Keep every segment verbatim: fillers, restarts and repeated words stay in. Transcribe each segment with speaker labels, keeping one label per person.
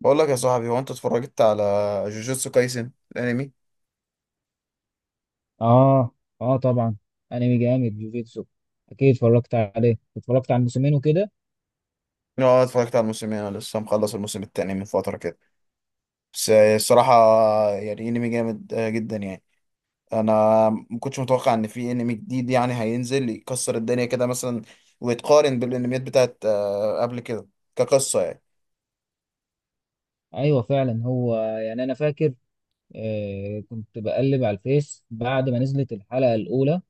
Speaker 1: بقول لك يا صاحبي، هو انت اتفرجت على جوجوتسو كايسن الانمي؟
Speaker 2: اه اه طبعا. انمي جامد جوجيتسو، اكيد اتفرجت عليه، اتفرجت على الموسمين وكده.
Speaker 1: اه اتفرجت على الموسمين، انا لسه مخلص الموسم التاني من فتره كده. بس الصراحه يعني انمي جامد آه، جدا يعني. انا ما كنتش متوقع ان في انمي جديد يعني هينزل يكسر الدنيا كده مثلا، ويتقارن بالانميات بتاعت آه، قبل كده كقصه يعني.
Speaker 2: ايوه فعلا، هو يعني انا فاكر، آه كنت بقلب على الفيس بعد ما نزلت الحلقه الاولى،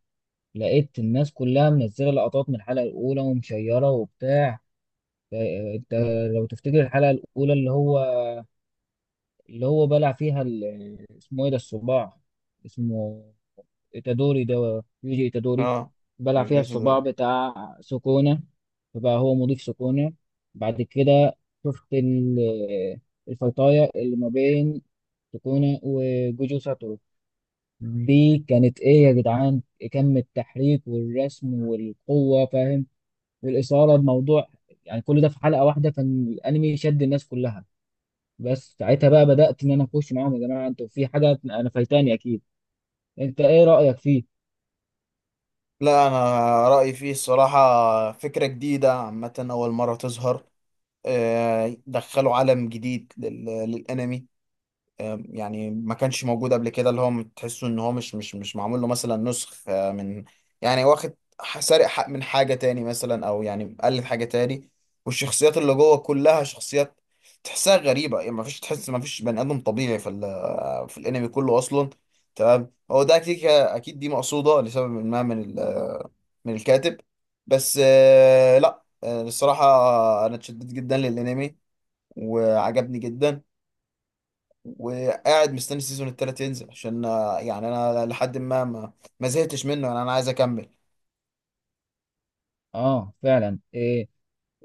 Speaker 2: لقيت الناس كلها منزله لقطات من الحلقه الاولى ومشيره وبتاع. ف- انت لو تفتكر الحلقه الاولى، اللي هو اللي هو بلع فيها ال- اسمه ايه ده، الصباع، اسمه إيتادوري ده، يوجي إيتادوري.
Speaker 1: اه
Speaker 2: بلع فيها
Speaker 1: جوجوتسو ده،
Speaker 2: الصباع بتاع سكونة، فبقى هو مضيف سكونة. بعد كده شفت ال- الفيطاية اللي ما بين سكونة وجوجو ساتورو دي، كانت إيه يا جدعان؟ كم التحريك والرسم والقوة، فاهم، والإثارة الموضوع، يعني كل ده في حلقة واحدة. كان الأنمي شد الناس كلها، بس ساعتها بقى بدأت إن أنا أخش معاهم، يا جماعة أنتوا في حاجة أنا فايتاني أكيد. أنت إيه رأيك فيه؟
Speaker 1: لا انا رايي فيه الصراحه فكره جديده عامه، اول مره تظهر. آه، دخلوا عالم جديد لل- للانمي. آه، يعني ما كانش موجود قبل كده، اللي هو تحسه ان هو مش مش مش معمول له مثلا نسخ، آه، من يعني واخد، ح- سارق حق من حاجة تاني مثلا، او يعني مقلد حاجة تاني. والشخصيات اللي جوه كلها شخصيات تحسها غريبة، يعني ما فيش، تحس ما فيش بني ادم طبيعي في ال- في الانمي كله اصلا. تمام، هو ده اكيد اكيد دي مقصودة لسبب ما من ال- من الكاتب. بس آه، لا آه، الصراحة انا اتشددت جدا للانمي، وعجبني جدا، وقاعد مستني السيزون التالت ينزل عشان، آه، يعني انا لحد ما ما, ما زهقتش منه، يعني انا عايز اكمل.
Speaker 2: اه فعلا. إيه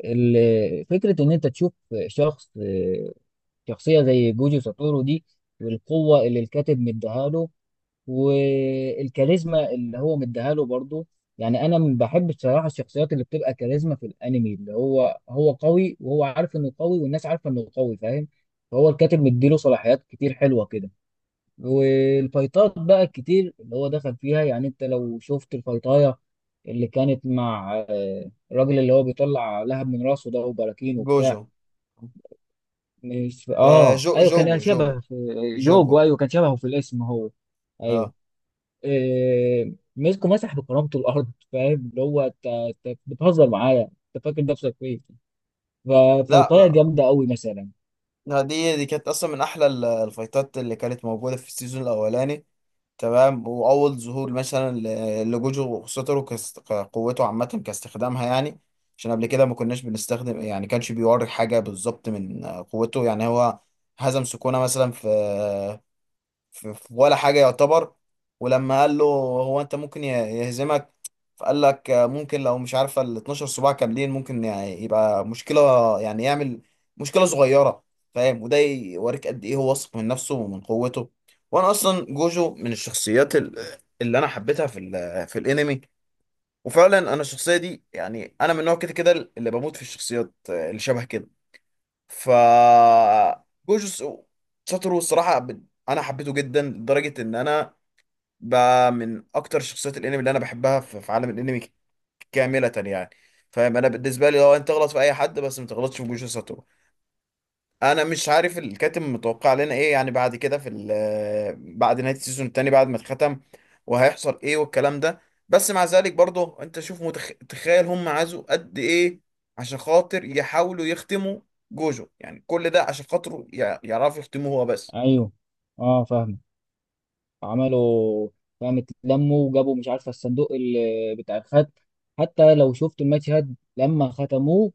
Speaker 2: ال- فكرة إن أنت تشوف شخص، شخصية زي جوجو ساتورو دي، والقوة اللي الكاتب مديها له، والكاريزما اللي هو مديها له برضه. يعني أنا م- بحب بصراحة الشخصيات اللي بتبقى كاريزما في الأنمي، اللي هو هو قوي، وهو عارف إنه قوي، والناس عارفة إنه قوي، فاهم. فهو الكاتب مديله صلاحيات كتير حلوة كده. والفايتات بقى الكتير اللي هو دخل فيها، يعني انت لو شفت الفايتاية اللي كانت مع، آه، الراجل اللي هو بيطلع لهب من راسه ده وبراكين
Speaker 1: جوجو،
Speaker 2: وبتاع. مش،
Speaker 1: آه،
Speaker 2: اه
Speaker 1: جو
Speaker 2: ايوه، كان
Speaker 1: جوجو جوجو
Speaker 2: شبه في، يوجو،
Speaker 1: جوجو.
Speaker 2: ايوه كان شبهه في الاسم هو، ايوه.
Speaker 1: اه
Speaker 2: آه، مسكه، مسح بكرامته الارض، فاهم، اللي هو، انت انت بتهزر معايا؟ انت فاكر نفسك فين؟
Speaker 1: لا
Speaker 2: ففيطايه
Speaker 1: آه،
Speaker 2: جامده قوي مثلا.
Speaker 1: دي دي كانت اصلا من احلى ال- الفايتات اللي كانت موجوده في السيزون الاولاني. تمام، واول ظهور مثلا ل- لجوجو وخسوترو كاست- كقوته عامه كاستخدامها يعني. عشان قبل كده ما كناش بنستخدم، يعني كانش بيوري حاجه بالظبط من آه، قوته يعني. هو هزم سكونة مثلا في، في في ولا حاجة يعتبر. ولما قال له هو انت ممكن يه- يهزمك، فقال لك آه، ممكن لو مش عارفة ال اتناشر صباع كاملين ممكن يعني يبقى مشكلة، يعني يعمل مشكلة صغيرة. فاهم؟ وده يوريك قد ايه هو واثق من نفسه ومن قوته. وانا اصلا جوجو من الشخصيات ال- اللي انا حبيتها في ال في الانمي. وفعلا انا الشخصية دي، يعني انا من نوع كده كده اللي بموت في الشخصيات آه، اللي شبه كده. ف، جوجوتسو ساتورو الصراحة، ب- أنا حبيته جدا لدرجة إن أنا بقى من أكتر شخصيات الأنمي اللي أنا بحبها في في عالم الأنمي كاملة يعني. فاهم أنا بالنسبة لي لو أنت تغلط في أي حد، بس ما تغلطش في جوجوتسو ساتورو. انا مش عارف الكاتب متوقع لنا ايه يعني بعد كده في ال- بعد نهايه السيزون التاني بعد ما اتختم، وهيحصل ايه والكلام ده. بس مع ذلك برضه انت شوف متخ... تخيل هم عازوا قد ايه عشان خاطر يحاولوا يختموا جوجو، يعني كل ده عشان خاطره ي... يعرفوا يختموه هو بس.
Speaker 2: ايوه، اه فاهم. عملوا، فاهم، اتلموا وجابوا مش عارفه الصندوق اللي بتاع الخد، حتى لو شفت الماتش هاد لما ختموه.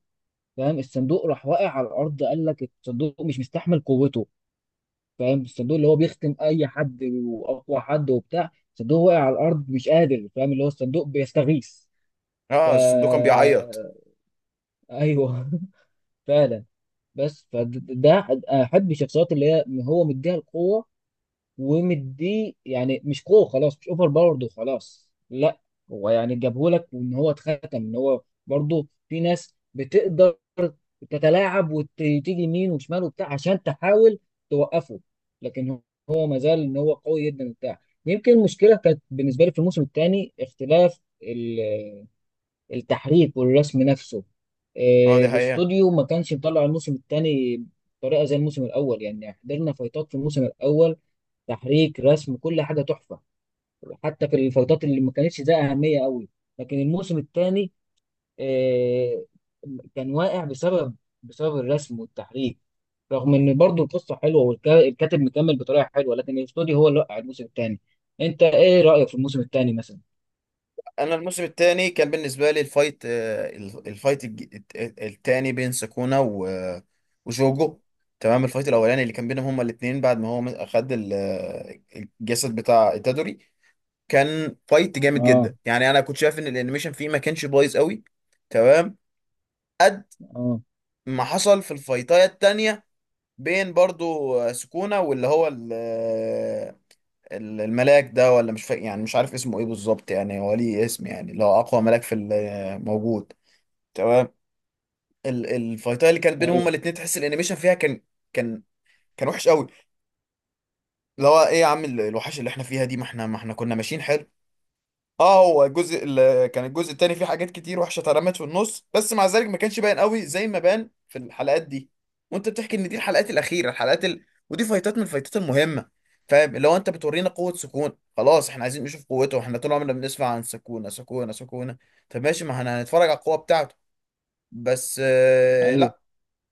Speaker 2: فاهم، الصندوق راح واقع على الارض، قال لك الصندوق مش مستحمل قوته. فاهم، الصندوق اللي هو بيختم اي حد واقوى حد وبتاع، الصندوق واقع على الارض مش قادر، فاهم اللي هو الصندوق بيستغيث. ف
Speaker 1: اه الصندوق كان بيعيط.
Speaker 2: ايوه فعلا. بس فده احب الشخصيات اللي هي هو مديها القوه ومديه، يعني مش قوه خلاص مش اوفر باورد وخلاص، لا. هو يعني جابهولك، وان هو اتختم ان هو برضه في ناس بتقدر تتلاعب وتيجي يمين وشمال وبتاع عشان تحاول توقفه، لكن هو ما زال ان هو قوي جدا وبتاع. يمكن المشكله كانت بالنسبه لي في الموسم الثاني، اختلاف ال- التحريك والرسم نفسه.
Speaker 1: اه
Speaker 2: آه،
Speaker 1: دي حقيقة.
Speaker 2: الاستوديو ما كانش مطلع الموسم الثاني بطريقه زي الموسم الاول، يعني حضرنا فايتات في الموسم الاول، تحريك، رسم، كل حاجه تحفه، حتى في الفترات اللي ما كانتش ده اهميه قوي. لكن الموسم الثاني آه، كان واقع بسبب، بسبب الرسم والتحريك، رغم ان برضو القصه حلوه والكاتب مكمل بطريقه حلوه، لكن الاستوديو هو اللي وقع الموسم الثاني. انت ايه رايك في الموسم الثاني مثلا؟
Speaker 1: انا الموسم الثاني كان بالنسبه لي الفايت، آه، الفايت الثاني بين سكونا و- وجوجو. تمام، الفايت الاولاني اللي كان بينهم هما الاثنين بعد ما هو اخد ال- آه، الجسد بتاع itadori كان فايت جامد
Speaker 2: اه،
Speaker 1: جدا، يعني انا كنت شايف ان الانيميشن فيه ما كانش بايظ قوي. تمام، قد
Speaker 2: اه،
Speaker 1: ما حصل في الفايتايه التانية بين برضو آه، سكونا واللي هو ال- آه، ال- الملاك ده، ولا مش فاكر يعني، مش عارف اسمه ايه بالظبط يعني، هو ليه اسم يعني اللي هو اقوى ملاك في ال- آه، موجود. تمام، ال- الفايتات اللي كانت بينهم هما
Speaker 2: ايوه،
Speaker 1: الاتنين تحس الانيميشن فيها كان كان كان وحش قوي. اللي هو ايه يا عم ال- الوحش اللي احنا فيها دي، ما احنا ما احنا كنا ماشيين حلو. اه، هو الجزء ال- كان الجزء التاني فيه حاجات كتير وحشه اترمت في النص، بس مع ذلك ما كانش باين قوي زي ما بان في الحلقات دي. وانت بتحكي ان دي الحلقات الاخيره، الحلقات ال... ودي فايتات من الفايتات المهمه. فاهم؟ لو انت بتورينا قوه سكون، خلاص احنا عايزين نشوف قوته، احنا طول عمرنا بنسمع عن سكونة سكونة سكونة. طب ماشي، ما احنا هنتفرج على القوه بتاعته. بس آه،
Speaker 2: ايوه.
Speaker 1: لا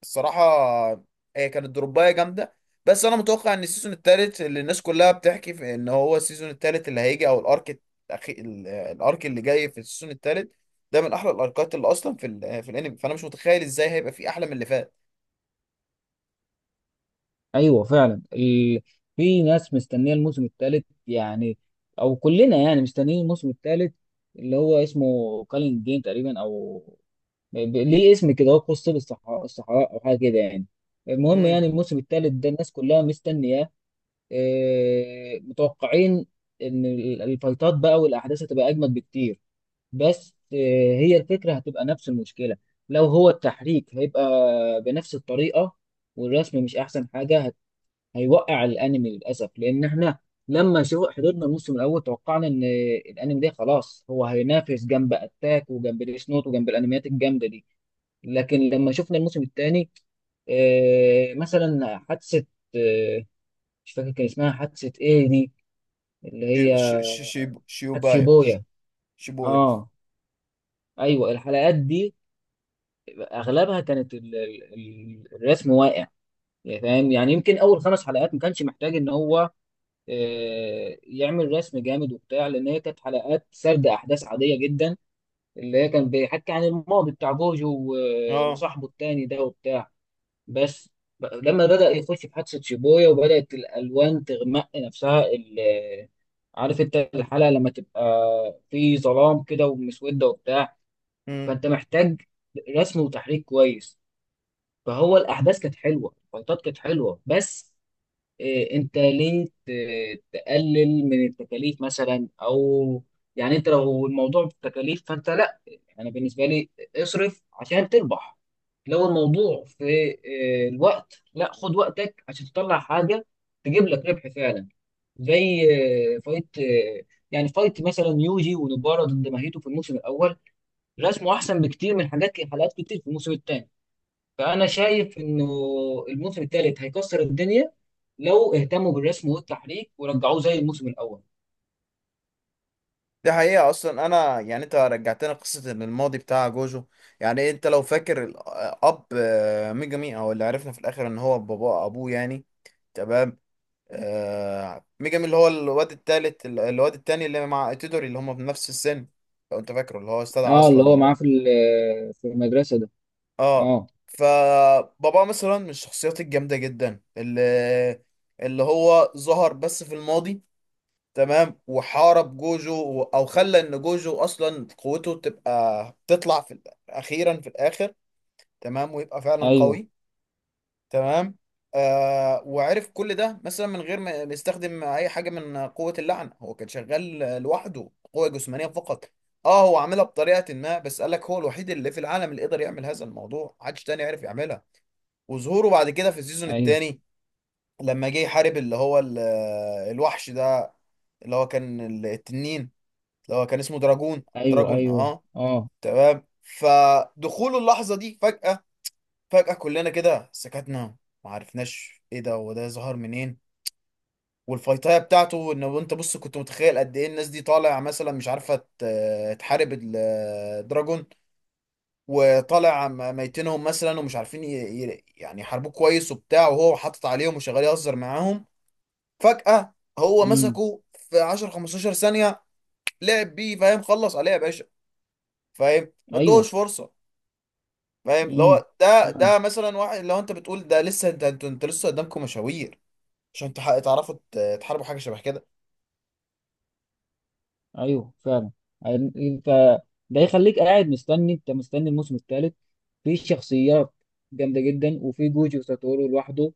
Speaker 1: الصراحة هي كانت دروباية جامدة. بس أنا متوقع إن السيزون التالت اللي الناس كلها بتحكي في إن هو السيزون التالت اللي هيجي، أو الأرك الأخي... ال- الأرك اللي جاي في السيزون التالت ده من أحلى الأركات اللي أصلا في ال... في الأنمي، فأنا مش متخيل إزاي هيبقى فيه أحلى من اللي فات.
Speaker 2: ايوه فعلا ال... في ناس مستنيه الموسم الثالث، يعني، او كلنا يعني مستنيين الموسم الثالث، اللي هو اسمه كالين جين تقريبا، او ب- ليه اسم كده، هو قصة الصحراء، الصحراء او حاجه كده يعني. المهم
Speaker 1: امم
Speaker 2: يعني الموسم الثالث ده الناس كلها مستنياه. آه، متوقعين ان ال- الفايتات بقى والاحداث هتبقى اجمد بكتير. بس، آه، هي الفكره هتبقى نفس المشكله، لو هو التحريك هيبقى بنفس الطريقه، والرسم مش احسن حاجه، هت- هيوقع الانمي للاسف. لان احنا لما شو حضرنا الموسم الاول توقعنا ان الانمي ده خلاص هو هينافس جنب اتاك، وجنب ديس نوت، وجنب الانميات الجامده دي. لكن لما شفنا الموسم الثاني، آه، مثلا حادثة، آه، مش فاكر كان اسمها حادثة ايه دي، اللي هي
Speaker 1: شي... شي... شي... شي-
Speaker 2: حادثة
Speaker 1: شيوبايا ش...
Speaker 2: بويا،
Speaker 1: شيبويا
Speaker 2: اه ايوه. الحلقات دي اغلبها كانت ال- ال- ال- الرسم واقع. يعني فاهم، يعني يمكن اول خمس حلقات ما كانش محتاج ان هو آه، يعمل رسم جامد وبتاع، لان هي كانت حلقات سرد احداث عاديه جدا، اللي هي كان بيحكي عن الماضي بتاع جوجو و-
Speaker 1: اه.
Speaker 2: وصاحبه التاني ده وبتاع. بس، ب- لما بدأ يخش في حادثة شيبويا وبدأت الألوان تغمق نفسها ال- عارف انت الحلقة لما تبقى في ظلام كده ومسودة وبتاع،
Speaker 1: امم
Speaker 2: فانت محتاج رسم وتحريك كويس. فهو الأحداث كانت حلوة، الفايتات كانت حلوة، بس إيه، انت ليه ت- تقلل من التكاليف مثلا، او يعني انت لو الموضوع بالتكاليف فانت لا، انا بالنسبه لي اصرف عشان تربح. لو الموضوع في إيه، الوقت، لا خد وقتك عشان تطلع حاجه تجيب لك ربح فعلا. زي إيه، فايت إيه، يعني فايت مثلا يوجي ونبارة ضد ماهيتو في الموسم الاول، رسمه احسن بكتير من حاجات حلقات كتير في الموسم الثاني. فأنا شايف إنه الموسم الثالث هيكسر الدنيا لو اهتموا بالرسم والتحريك ورجعوه زي الموسم الأول.
Speaker 1: دي حقيقة. أصلا أنا يعني أنت رجعتنا قصة إن الماضي بتاع جوجو، يعني أنت لو فاكر الأب آه، ميجامي، أو اللي عرفنا في الآخر إن هو بابا أبوه يعني. تمام، آه، ميجامي اللي هو الواد التالت الواد التاني اللي مع إتيدوري اللي هما في نفس السن. لو أنت فاكره اللي هو استدعى
Speaker 2: اه، اللي
Speaker 1: أصلا
Speaker 2: هو معاه
Speaker 1: ال...
Speaker 2: في ال- في المدرسة ده.
Speaker 1: آه.
Speaker 2: اه،
Speaker 1: فبابا مثلا من الشخصيات الجامدة جدا اللي، اللي هو ظهر بس في الماضي. تمام، وحارب جوجو و- او خلى ان جوجو اصلا قوته تبقى تطلع في ال- اخيرا في الاخر. تمام، ويبقى فعلا
Speaker 2: ايوه،
Speaker 1: قوي. تمام، آه وعرف كل ده مثلا من غير ما ما يستخدم اي حاجه من قوه اللعنه، هو كان شغال لوحده قوه جسمانيه فقط. اه هو عاملها بطريقه ما، بس قال لك هو الوحيد اللي في العالم اللي قدر يعمل هذا الموضوع، محدش تاني عرف يعملها. وظهوره بعد كده في السيزون
Speaker 2: ايوه،
Speaker 1: التاني لما جه يحارب اللي هو ال- الوحش ده اللي هو كان التنين، اللي هو كان اسمه دراجون.
Speaker 2: ايوه،
Speaker 1: دراجون
Speaker 2: ايوه،
Speaker 1: اه.
Speaker 2: اه،
Speaker 1: تمام، فدخول اللحظة دي فجأة، فجأة كلنا كده سكتنا، ما عرفناش ايه ده، هو ده ظهر منين. والفايتاية بتاعته ان انت بص كنت متخيل قد ايه الناس دي طالع مثلا مش عارفة ت- تحارب الدراجون، وطالع م- ميتينهم مثلا ومش عارفين ي- ي- يعني يحاربوه كويس وبتاع، وهو حاطط عليهم وشغال يهزر معاهم. فجأة هو
Speaker 2: امم،
Speaker 1: مسكه في عشرة خمستاشر ثانية، لعب بيه. فاهم؟ خلص عليه يا باشا. فاهم؟ ما
Speaker 2: ايوه،
Speaker 1: ادوش فرصة. فاهم؟ اللي
Speaker 2: امم،
Speaker 1: هو ده
Speaker 2: فعلا،
Speaker 1: ده مثلا واحد لو انت بتقول ده، لسه انت انت, انت لسه قدامكم مشاوير عشان تح- تعرفوا ت- تحاربوا حاجه شبه كده.
Speaker 2: ايوه فعلا. هن- انت ده يخليك قاعد مستني، انت مستني الموسم الثالث. في شخصيات جامدة جدا، وفي جوجي وساتورو لوحده،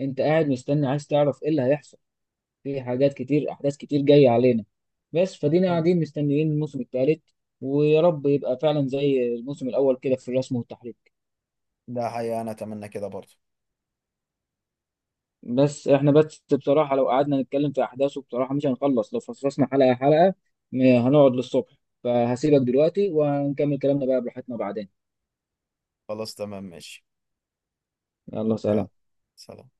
Speaker 2: انت قاعد مستني عايز تعرف ايه اللي هيحصل. في حاجات كتير، احداث كتير جايه علينا، بس فدينا
Speaker 1: ايوه
Speaker 2: قاعدين مستنيين الموسم الثالث، ويا رب يبقى فعلا زي الموسم الاول كده في الرسم والتحريك.
Speaker 1: ده حقيقة، انا اتمنى كده برضه.
Speaker 2: بس احنا بس بصراحه لو قعدنا نتكلم في احداثه بصراحه مش هنخلص، لو فصصنا حلقه حلقه م- هنقعد للصبح. فهسيبك دلوقتي وهنكمل كلامنا بقى براحتنا بعدين.
Speaker 1: خلاص تمام ماشي.
Speaker 2: يلا
Speaker 1: اه
Speaker 2: سلام.
Speaker 1: سلام.